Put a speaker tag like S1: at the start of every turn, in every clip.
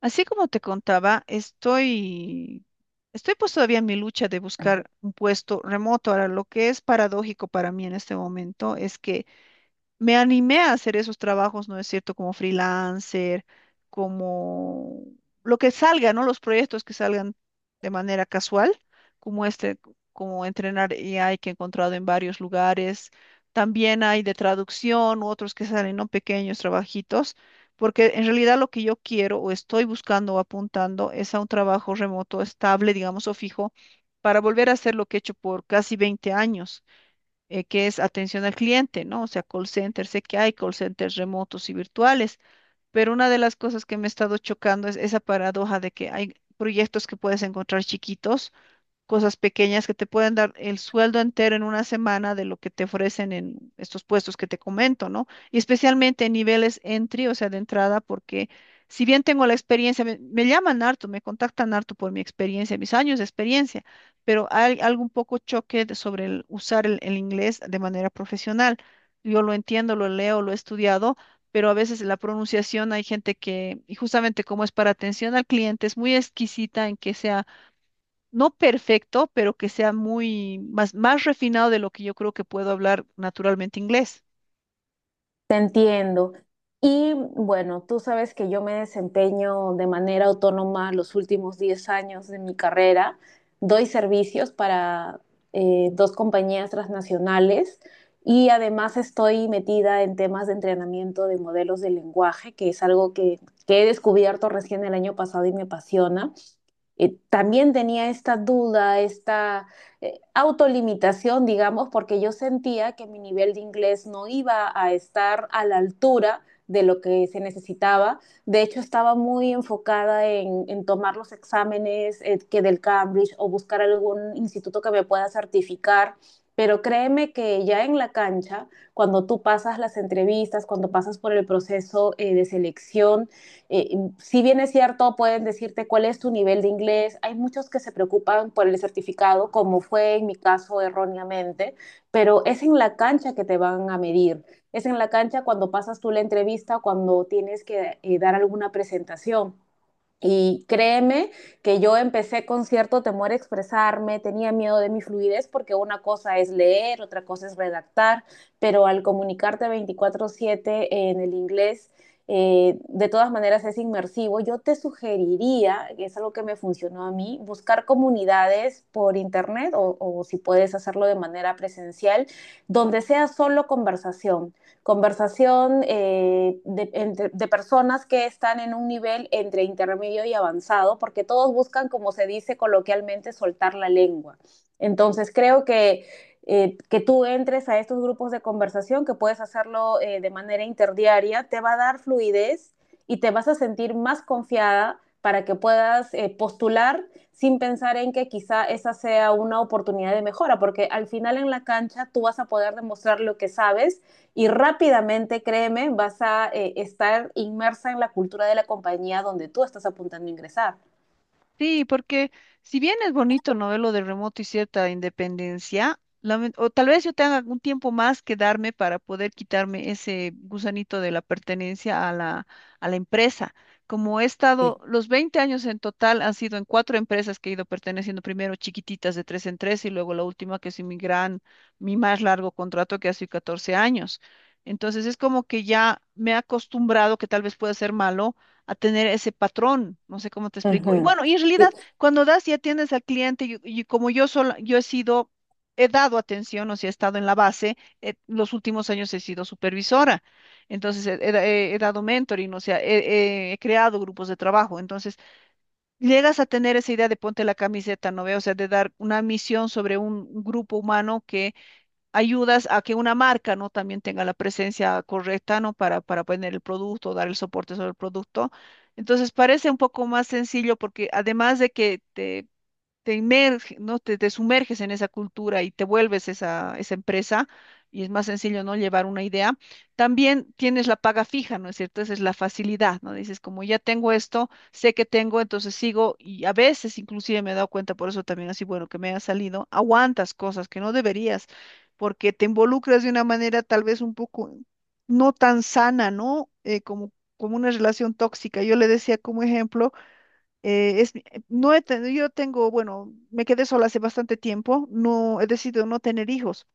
S1: Así como te contaba, estoy pues todavía en mi lucha de buscar un puesto remoto. Ahora, lo que es paradójico para mí en este momento es que me animé a hacer esos trabajos, ¿no es cierto? Como freelancer, como lo que salga, ¿no? Los proyectos que salgan de manera casual, como este, como entrenar AI que he encontrado en varios lugares. También hay de traducción, otros que salen, ¿no? Pequeños trabajitos, porque en realidad lo que yo quiero o estoy buscando o apuntando es a un trabajo remoto estable, digamos, o fijo, para volver a hacer lo que he hecho por casi 20 años que es atención al cliente, ¿no? O sea, call center, sé que hay call centers remotos y virtuales, pero una de las cosas que me ha estado chocando es esa paradoja de que hay proyectos que puedes encontrar chiquitos, cosas pequeñas que te pueden dar el sueldo entero en una semana de lo que te ofrecen en estos puestos que te comento, ¿no? Y especialmente en niveles entry, o sea, de entrada, porque si bien tengo la experiencia, me llaman harto, me contactan harto por mi experiencia, mis años de experiencia, pero hay algo un poco choque sobre el usar el inglés de manera profesional. Yo lo entiendo, lo leo, lo he estudiado. Pero a veces la pronunciación hay gente que, y justamente como es para atención al cliente, es muy exquisita en que sea no perfecto, pero que sea muy más refinado de lo que yo creo que puedo hablar naturalmente inglés.
S2: Te entiendo. Y bueno, tú sabes que yo me desempeño de manera autónoma los últimos 10 años de mi carrera. Doy servicios para dos compañías transnacionales y además estoy metida en temas de entrenamiento de modelos de lenguaje, que es algo que he descubierto recién el año pasado y me apasiona. También tenía esta duda, esta autolimitación, digamos, porque yo sentía que mi nivel de inglés no iba a estar a la altura de lo que se necesitaba. De hecho, estaba muy enfocada en tomar los exámenes que del Cambridge o buscar algún instituto que me pueda certificar. Pero créeme que ya en la cancha, cuando tú pasas las entrevistas, cuando pasas por el proceso de selección, eh, si bien es cierto, pueden decirte cuál es tu nivel de inglés. Hay muchos que se preocupan por el certificado, como fue en mi caso erróneamente, pero es en la cancha que te van a medir. Es en la cancha cuando pasas tú la entrevista, cuando tienes que dar alguna presentación. Y créeme que yo empecé con cierto temor a expresarme, tenía miedo de mi fluidez porque una cosa es leer, otra cosa es redactar, pero al comunicarte 24/7 en el inglés, de todas maneras es inmersivo. Yo te sugeriría, que es algo que me funcionó a mí, buscar comunidades por internet o si puedes hacerlo de manera presencial, donde sea solo conversación conversación, personas que están en un nivel entre intermedio y avanzado, porque todos buscan, como se dice coloquialmente, soltar la lengua. Entonces creo que tú entres a estos grupos de conversación, que puedes hacerlo de manera interdiaria, te va a dar fluidez y te vas a sentir más confiada para que puedas postular sin pensar en que quizá esa sea una oportunidad de mejora, porque al final en la cancha tú vas a poder demostrar lo que sabes y rápidamente, créeme, vas a estar inmersa en la cultura de la compañía donde tú estás apuntando a ingresar.
S1: Sí, porque si bien es bonito, ¿no? Ver lo de remoto y cierta independencia, o tal vez yo tenga algún tiempo más que darme para poder quitarme ese gusanito de la pertenencia a a la empresa. Como he
S2: Sí.
S1: estado, los 20 años en total han sido en cuatro empresas que he ido perteneciendo, primero chiquititas de tres en tres y luego la última que es mi mi más largo contrato que ha sido 14 años. Entonces es como que ya me he acostumbrado, que tal vez pueda ser malo a tener ese patrón, no sé cómo te explico. Y
S2: Ujú.
S1: bueno, y en realidad,
S2: Y-
S1: cuando das y atiendes al cliente, y como yo sola, yo he sido, he dado atención, o sea, he estado en la base, los últimos años he sido supervisora, entonces he dado mentoring, o sea, he creado grupos de trabajo, entonces llegas a tener esa idea de ponte la camiseta, ¿no ve? O sea, de dar una misión sobre un grupo humano que ayudas a que una marca, ¿no? También tenga la presencia correcta, ¿no? Para poner el producto, dar el soporte sobre el producto. Entonces parece un poco más sencillo porque además de que te inmerges, ¿no? Te sumerges en esa cultura y te vuelves esa empresa y es más sencillo, ¿no? Llevar una idea. También tienes la paga fija, ¿no es cierto? Esa es la facilidad, ¿no? Dices, como ya tengo esto, sé que tengo, entonces sigo y a veces inclusive me he dado cuenta, por eso también así, bueno, que me ha salido, aguantas cosas que no deberías porque te involucras de una manera tal vez un poco no tan sana, ¿no? Como, como una relación tóxica. Yo le decía como ejemplo no he yo tengo, bueno, me quedé sola hace bastante tiempo, no he decidido no tener hijos,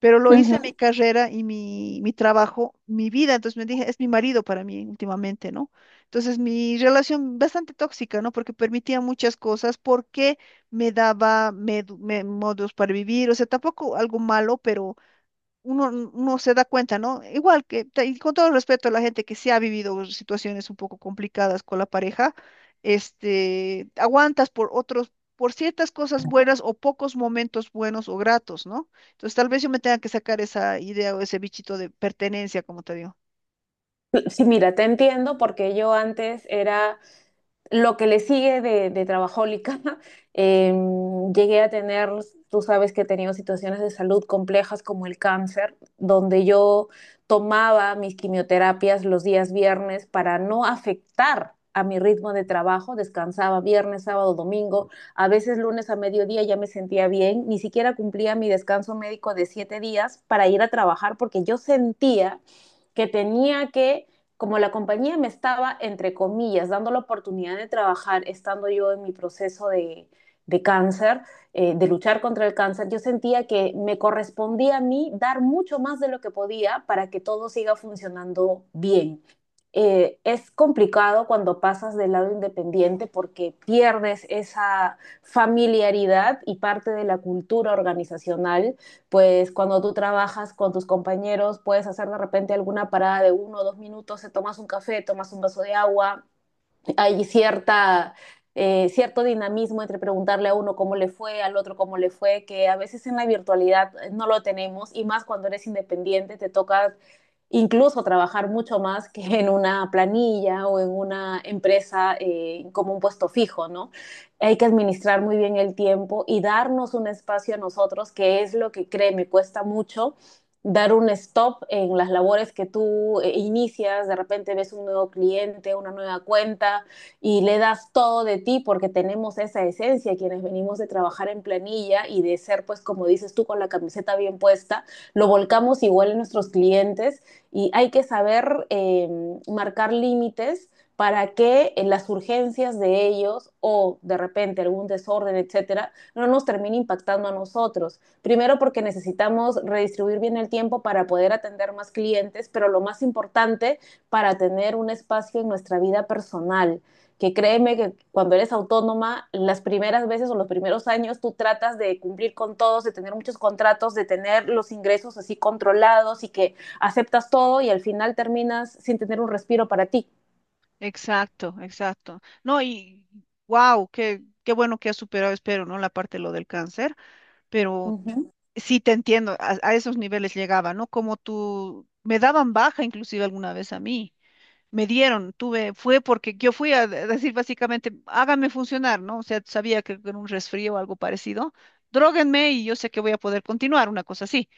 S1: pero lo hice
S2: Ujú.
S1: mi carrera y mi trabajo, mi vida, entonces me dije, es mi marido para mí últimamente, ¿no? Entonces mi relación bastante tóxica, ¿no? Porque permitía muchas cosas, porque me daba modos para vivir, o sea, tampoco algo malo, pero uno se da cuenta, ¿no? Igual que, y con todo respeto a la gente que sí ha vivido situaciones un poco complicadas con la pareja, este, aguantas por otros, por ciertas cosas buenas o pocos momentos buenos o gratos, ¿no? Entonces tal vez yo me tenga que sacar esa idea o ese bichito de pertenencia, como te digo.
S2: Sí, mira, te entiendo porque yo antes era lo que le sigue de trabajólica, llegué a tener, tú sabes que he tenido situaciones de salud complejas como el cáncer, donde yo tomaba mis quimioterapias los días viernes para no afectar a mi ritmo de trabajo, descansaba viernes, sábado, domingo, a veces lunes a mediodía ya me sentía bien, ni siquiera cumplía mi descanso médico de 7 días para ir a trabajar porque yo sentía que tenía que como la compañía me estaba, entre comillas, dando la oportunidad de trabajar, estando yo en mi proceso de cáncer, de luchar contra el cáncer, yo sentía que me correspondía a mí dar mucho más de lo que podía para que todo siga funcionando bien. Es complicado cuando pasas del lado independiente porque pierdes esa familiaridad y parte de la cultura organizacional pues cuando tú trabajas con tus compañeros, puedes hacer de repente alguna parada de 1 o 2 minutos, te tomas un café, tomas un vaso de agua, hay cierto dinamismo entre preguntarle a uno cómo le fue, al otro cómo le fue, que a veces en la virtualidad no lo tenemos y más cuando eres independiente te toca incluso trabajar mucho más que en una planilla o en una empresa como un puesto fijo, ¿no? Hay que administrar muy bien el tiempo y darnos un espacio a nosotros, que es lo que créeme, cuesta mucho dar un stop en las labores que tú inicias, de repente ves un nuevo cliente, una nueva cuenta, y le das todo de ti porque tenemos esa esencia, quienes venimos de trabajar en planilla y de ser, pues como dices tú, con la camiseta bien puesta, lo volcamos igual en nuestros clientes y hay que saber marcar límites para que en las urgencias de ellos o de repente algún desorden, etcétera, no nos termine impactando a nosotros. Primero porque necesitamos redistribuir bien el tiempo para poder atender más clientes, pero lo más importante, para tener un espacio en nuestra vida personal que créeme que cuando eres autónoma, las primeras veces o los primeros años tú tratas de cumplir con todos, de tener muchos contratos, de tener los ingresos así controlados y que aceptas todo y al final terminas sin tener un respiro para ti.
S1: Exacto, exacto. No, y wow, qué bueno que has superado, espero, ¿no? La parte de lo del cáncer, pero
S2: Ujú.
S1: sí, te entiendo, a esos niveles llegaba, ¿no? Como tú, me daban baja inclusive alguna vez a mí, me dieron, tuve, fue porque yo fui a decir básicamente, háganme funcionar, ¿no? O sea, sabía que era un resfrío o algo parecido, dróguenme y yo sé que voy a poder continuar, una cosa así.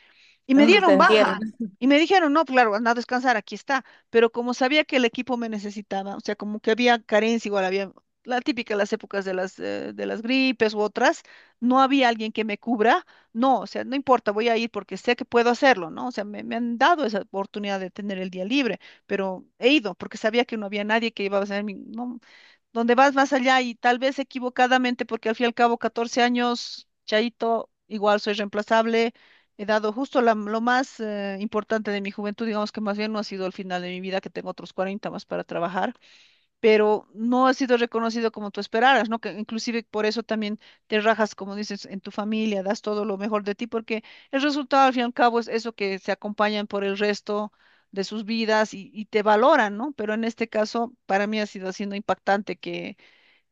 S1: Y me
S2: Ah, te
S1: dieron
S2: entiendo.
S1: baja. Y me dijeron, no, claro, anda a descansar, aquí está. Pero como sabía que el equipo me necesitaba, o sea, como que había carencia, igual había la típica, las épocas de las gripes u otras, no había alguien que me cubra. No, o sea, no importa, voy a ir porque sé que puedo hacerlo, ¿no? O sea, me han dado esa oportunidad de tener el día libre, pero he ido porque sabía que no había nadie que iba a hacer mi... No, donde vas más allá y tal vez equivocadamente, porque al fin y al cabo, 14 años, Chaito, igual soy reemplazable. He dado justo lo más importante de mi juventud, digamos que más bien no ha sido el final de mi vida, que tengo otros 40 más para trabajar, pero no ha sido reconocido como tú esperaras, ¿no? Que inclusive por eso también te rajas, como dices, en tu familia, das todo lo mejor de ti, porque el resultado al fin y al cabo es eso que se acompañan por el resto de sus vidas y te valoran, ¿no? Pero en este caso, para mí ha sido siendo impactante que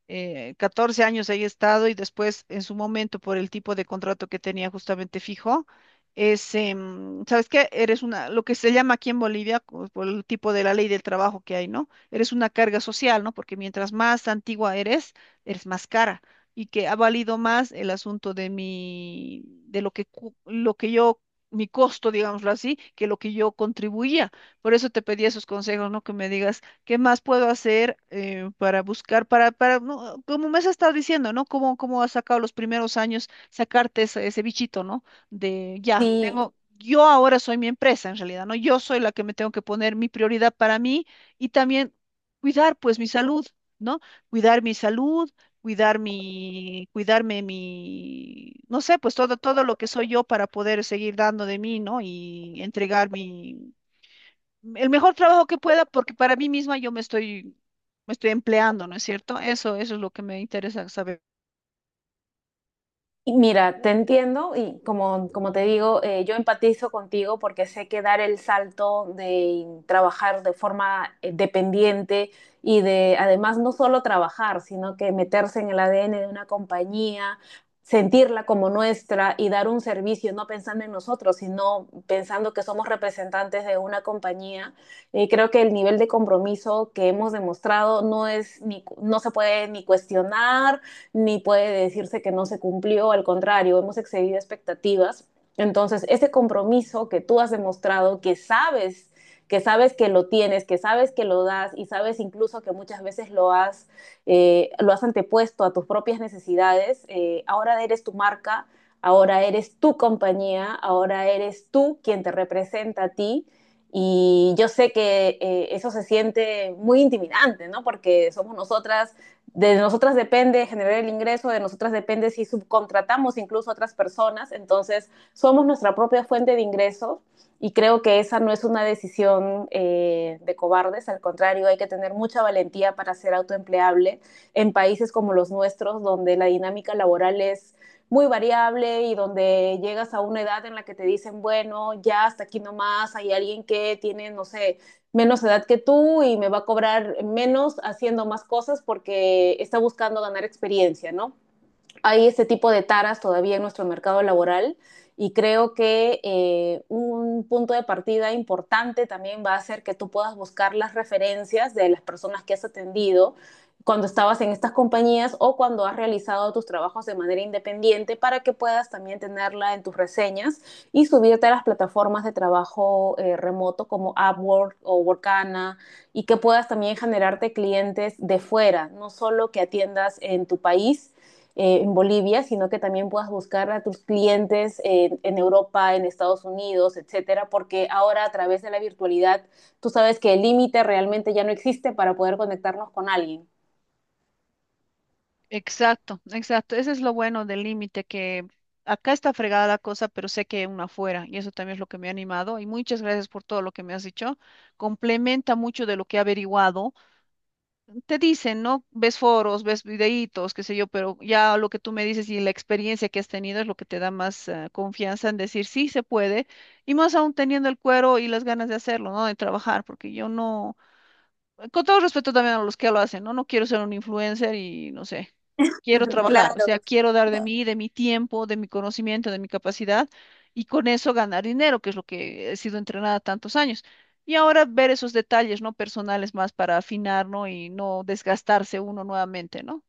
S1: 14 años ahí he estado y después en su momento por el tipo de contrato que tenía justamente fijo, es, ¿sabes qué? Eres una, lo que se llama aquí en Bolivia, por el tipo de la ley del trabajo que hay, ¿no? Eres una carga social, ¿no? Porque mientras más antigua eres, eres más cara. Y que ha valido más el asunto de mi, de lo que, lo que yo, mi costo, digámoslo así, que lo que yo contribuía. Por eso te pedí esos consejos, ¿no? Que me digas, ¿qué más puedo hacer para buscar, para, no, como me has estado diciendo, ¿no? ¿Cómo, cómo has sacado los primeros años sacarte ese bichito, ¿no? De ya,
S2: Sí.
S1: tengo, yo ahora soy mi empresa en realidad, ¿no? Yo soy la que me tengo que poner mi prioridad para mí y también cuidar, pues, mi salud, ¿no? Cuidar mi salud. Cuidar mi, cuidarme mi, no sé, pues todo, todo lo que soy yo para poder seguir dando de mí, ¿no? Y entregar mi, el mejor trabajo que pueda, porque para mí misma yo me estoy empleando, ¿no es cierto? Eso es lo que me interesa saber.
S2: Mira, te entiendo y como te digo, yo empatizo contigo porque sé que dar el salto de trabajar de forma dependiente y de además no solo trabajar, sino que meterse en el ADN de una compañía, sentirla como nuestra y dar un servicio, no pensando en nosotros, sino pensando que somos representantes de una compañía. Eh, creo que el nivel de compromiso que hemos demostrado no se puede ni cuestionar ni puede decirse que no se cumplió, al contrario, hemos excedido expectativas. Entonces, ese compromiso que tú has demostrado, que sabes que lo tienes, que sabes que lo das y sabes incluso que muchas veces lo has antepuesto a tus propias necesidades, ahora eres tu marca, ahora eres tu compañía, ahora eres tú quien te representa a ti. Y yo sé que eso se siente muy intimidante, ¿no? Porque somos nosotras, de nosotras depende generar el ingreso, de nosotras depende si subcontratamos incluso a otras personas, entonces somos nuestra propia fuente de ingresos y creo que esa no es una decisión de cobardes, al contrario, hay que tener mucha valentía para ser autoempleable en países como los nuestros, donde la dinámica laboral es muy variable y donde llegas a una edad en la que te dicen, bueno, ya hasta aquí nomás, hay alguien que tiene, no sé, menos edad que tú y me va a cobrar menos haciendo más cosas porque está buscando ganar experiencia, ¿no? Hay este tipo de taras todavía en nuestro mercado laboral y creo que un punto de partida importante también va a ser que tú puedas buscar las referencias de las personas que has atendido cuando estabas en estas compañías o cuando has realizado tus trabajos de manera independiente para que puedas también tenerla en tus reseñas y subirte a las plataformas de trabajo remoto como Upwork o Workana y que puedas también generarte clientes de fuera, no solo que atiendas en tu país, en Bolivia, sino que también puedas buscar a tus clientes en Europa, en Estados Unidos, etcétera, porque ahora a través de la virtualidad tú sabes que el límite realmente ya no existe para poder conectarnos con alguien.
S1: Exacto, exacto. Ese es lo bueno del límite, que acá está fregada la cosa, pero sé que hay una afuera, y eso también es lo que me ha animado. Y muchas gracias por todo lo que me has dicho. Complementa mucho de lo que he averiguado. Te dicen, ¿no? Ves foros, ves videitos, qué sé yo, pero ya lo que tú me dices y la experiencia que has tenido es lo que te da más confianza en decir sí se puede, y más aún teniendo el cuero y las ganas de hacerlo, ¿no? De trabajar, porque yo no, con todo respeto también a los que lo hacen, ¿no? No quiero ser un influencer y no sé, quiero trabajar, o
S2: Claro,
S1: sea, quiero dar de mí, de mi tiempo, de mi conocimiento, de mi capacidad y con eso ganar dinero, que es lo que he sido entrenada tantos años. Y ahora ver esos detalles, ¿no? Personales más para afinar, ¿no? Y no desgastarse uno nuevamente, ¿no?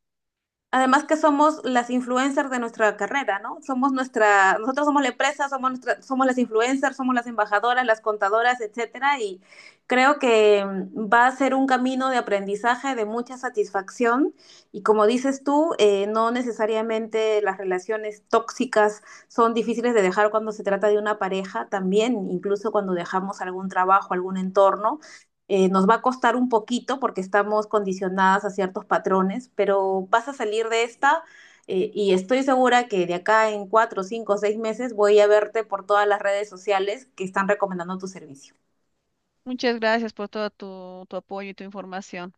S2: además que somos las influencers de nuestra carrera, ¿no? Somos nuestra, nosotros somos la empresa, somos nuestra, somos las influencers, somos las embajadoras, las contadoras, etcétera, y creo que va a ser un camino de aprendizaje, de mucha satisfacción, y como dices tú, no necesariamente las relaciones tóxicas son difíciles de dejar cuando se trata de una pareja, también incluso cuando dejamos algún trabajo, algún entorno, nos va a costar un poquito porque estamos condicionadas a ciertos patrones, pero vas a salir de esta y estoy segura que de acá en 4, 5, 6 meses voy a verte por todas las redes sociales que están recomendando tu servicio.
S1: Muchas gracias por todo tu apoyo y tu información.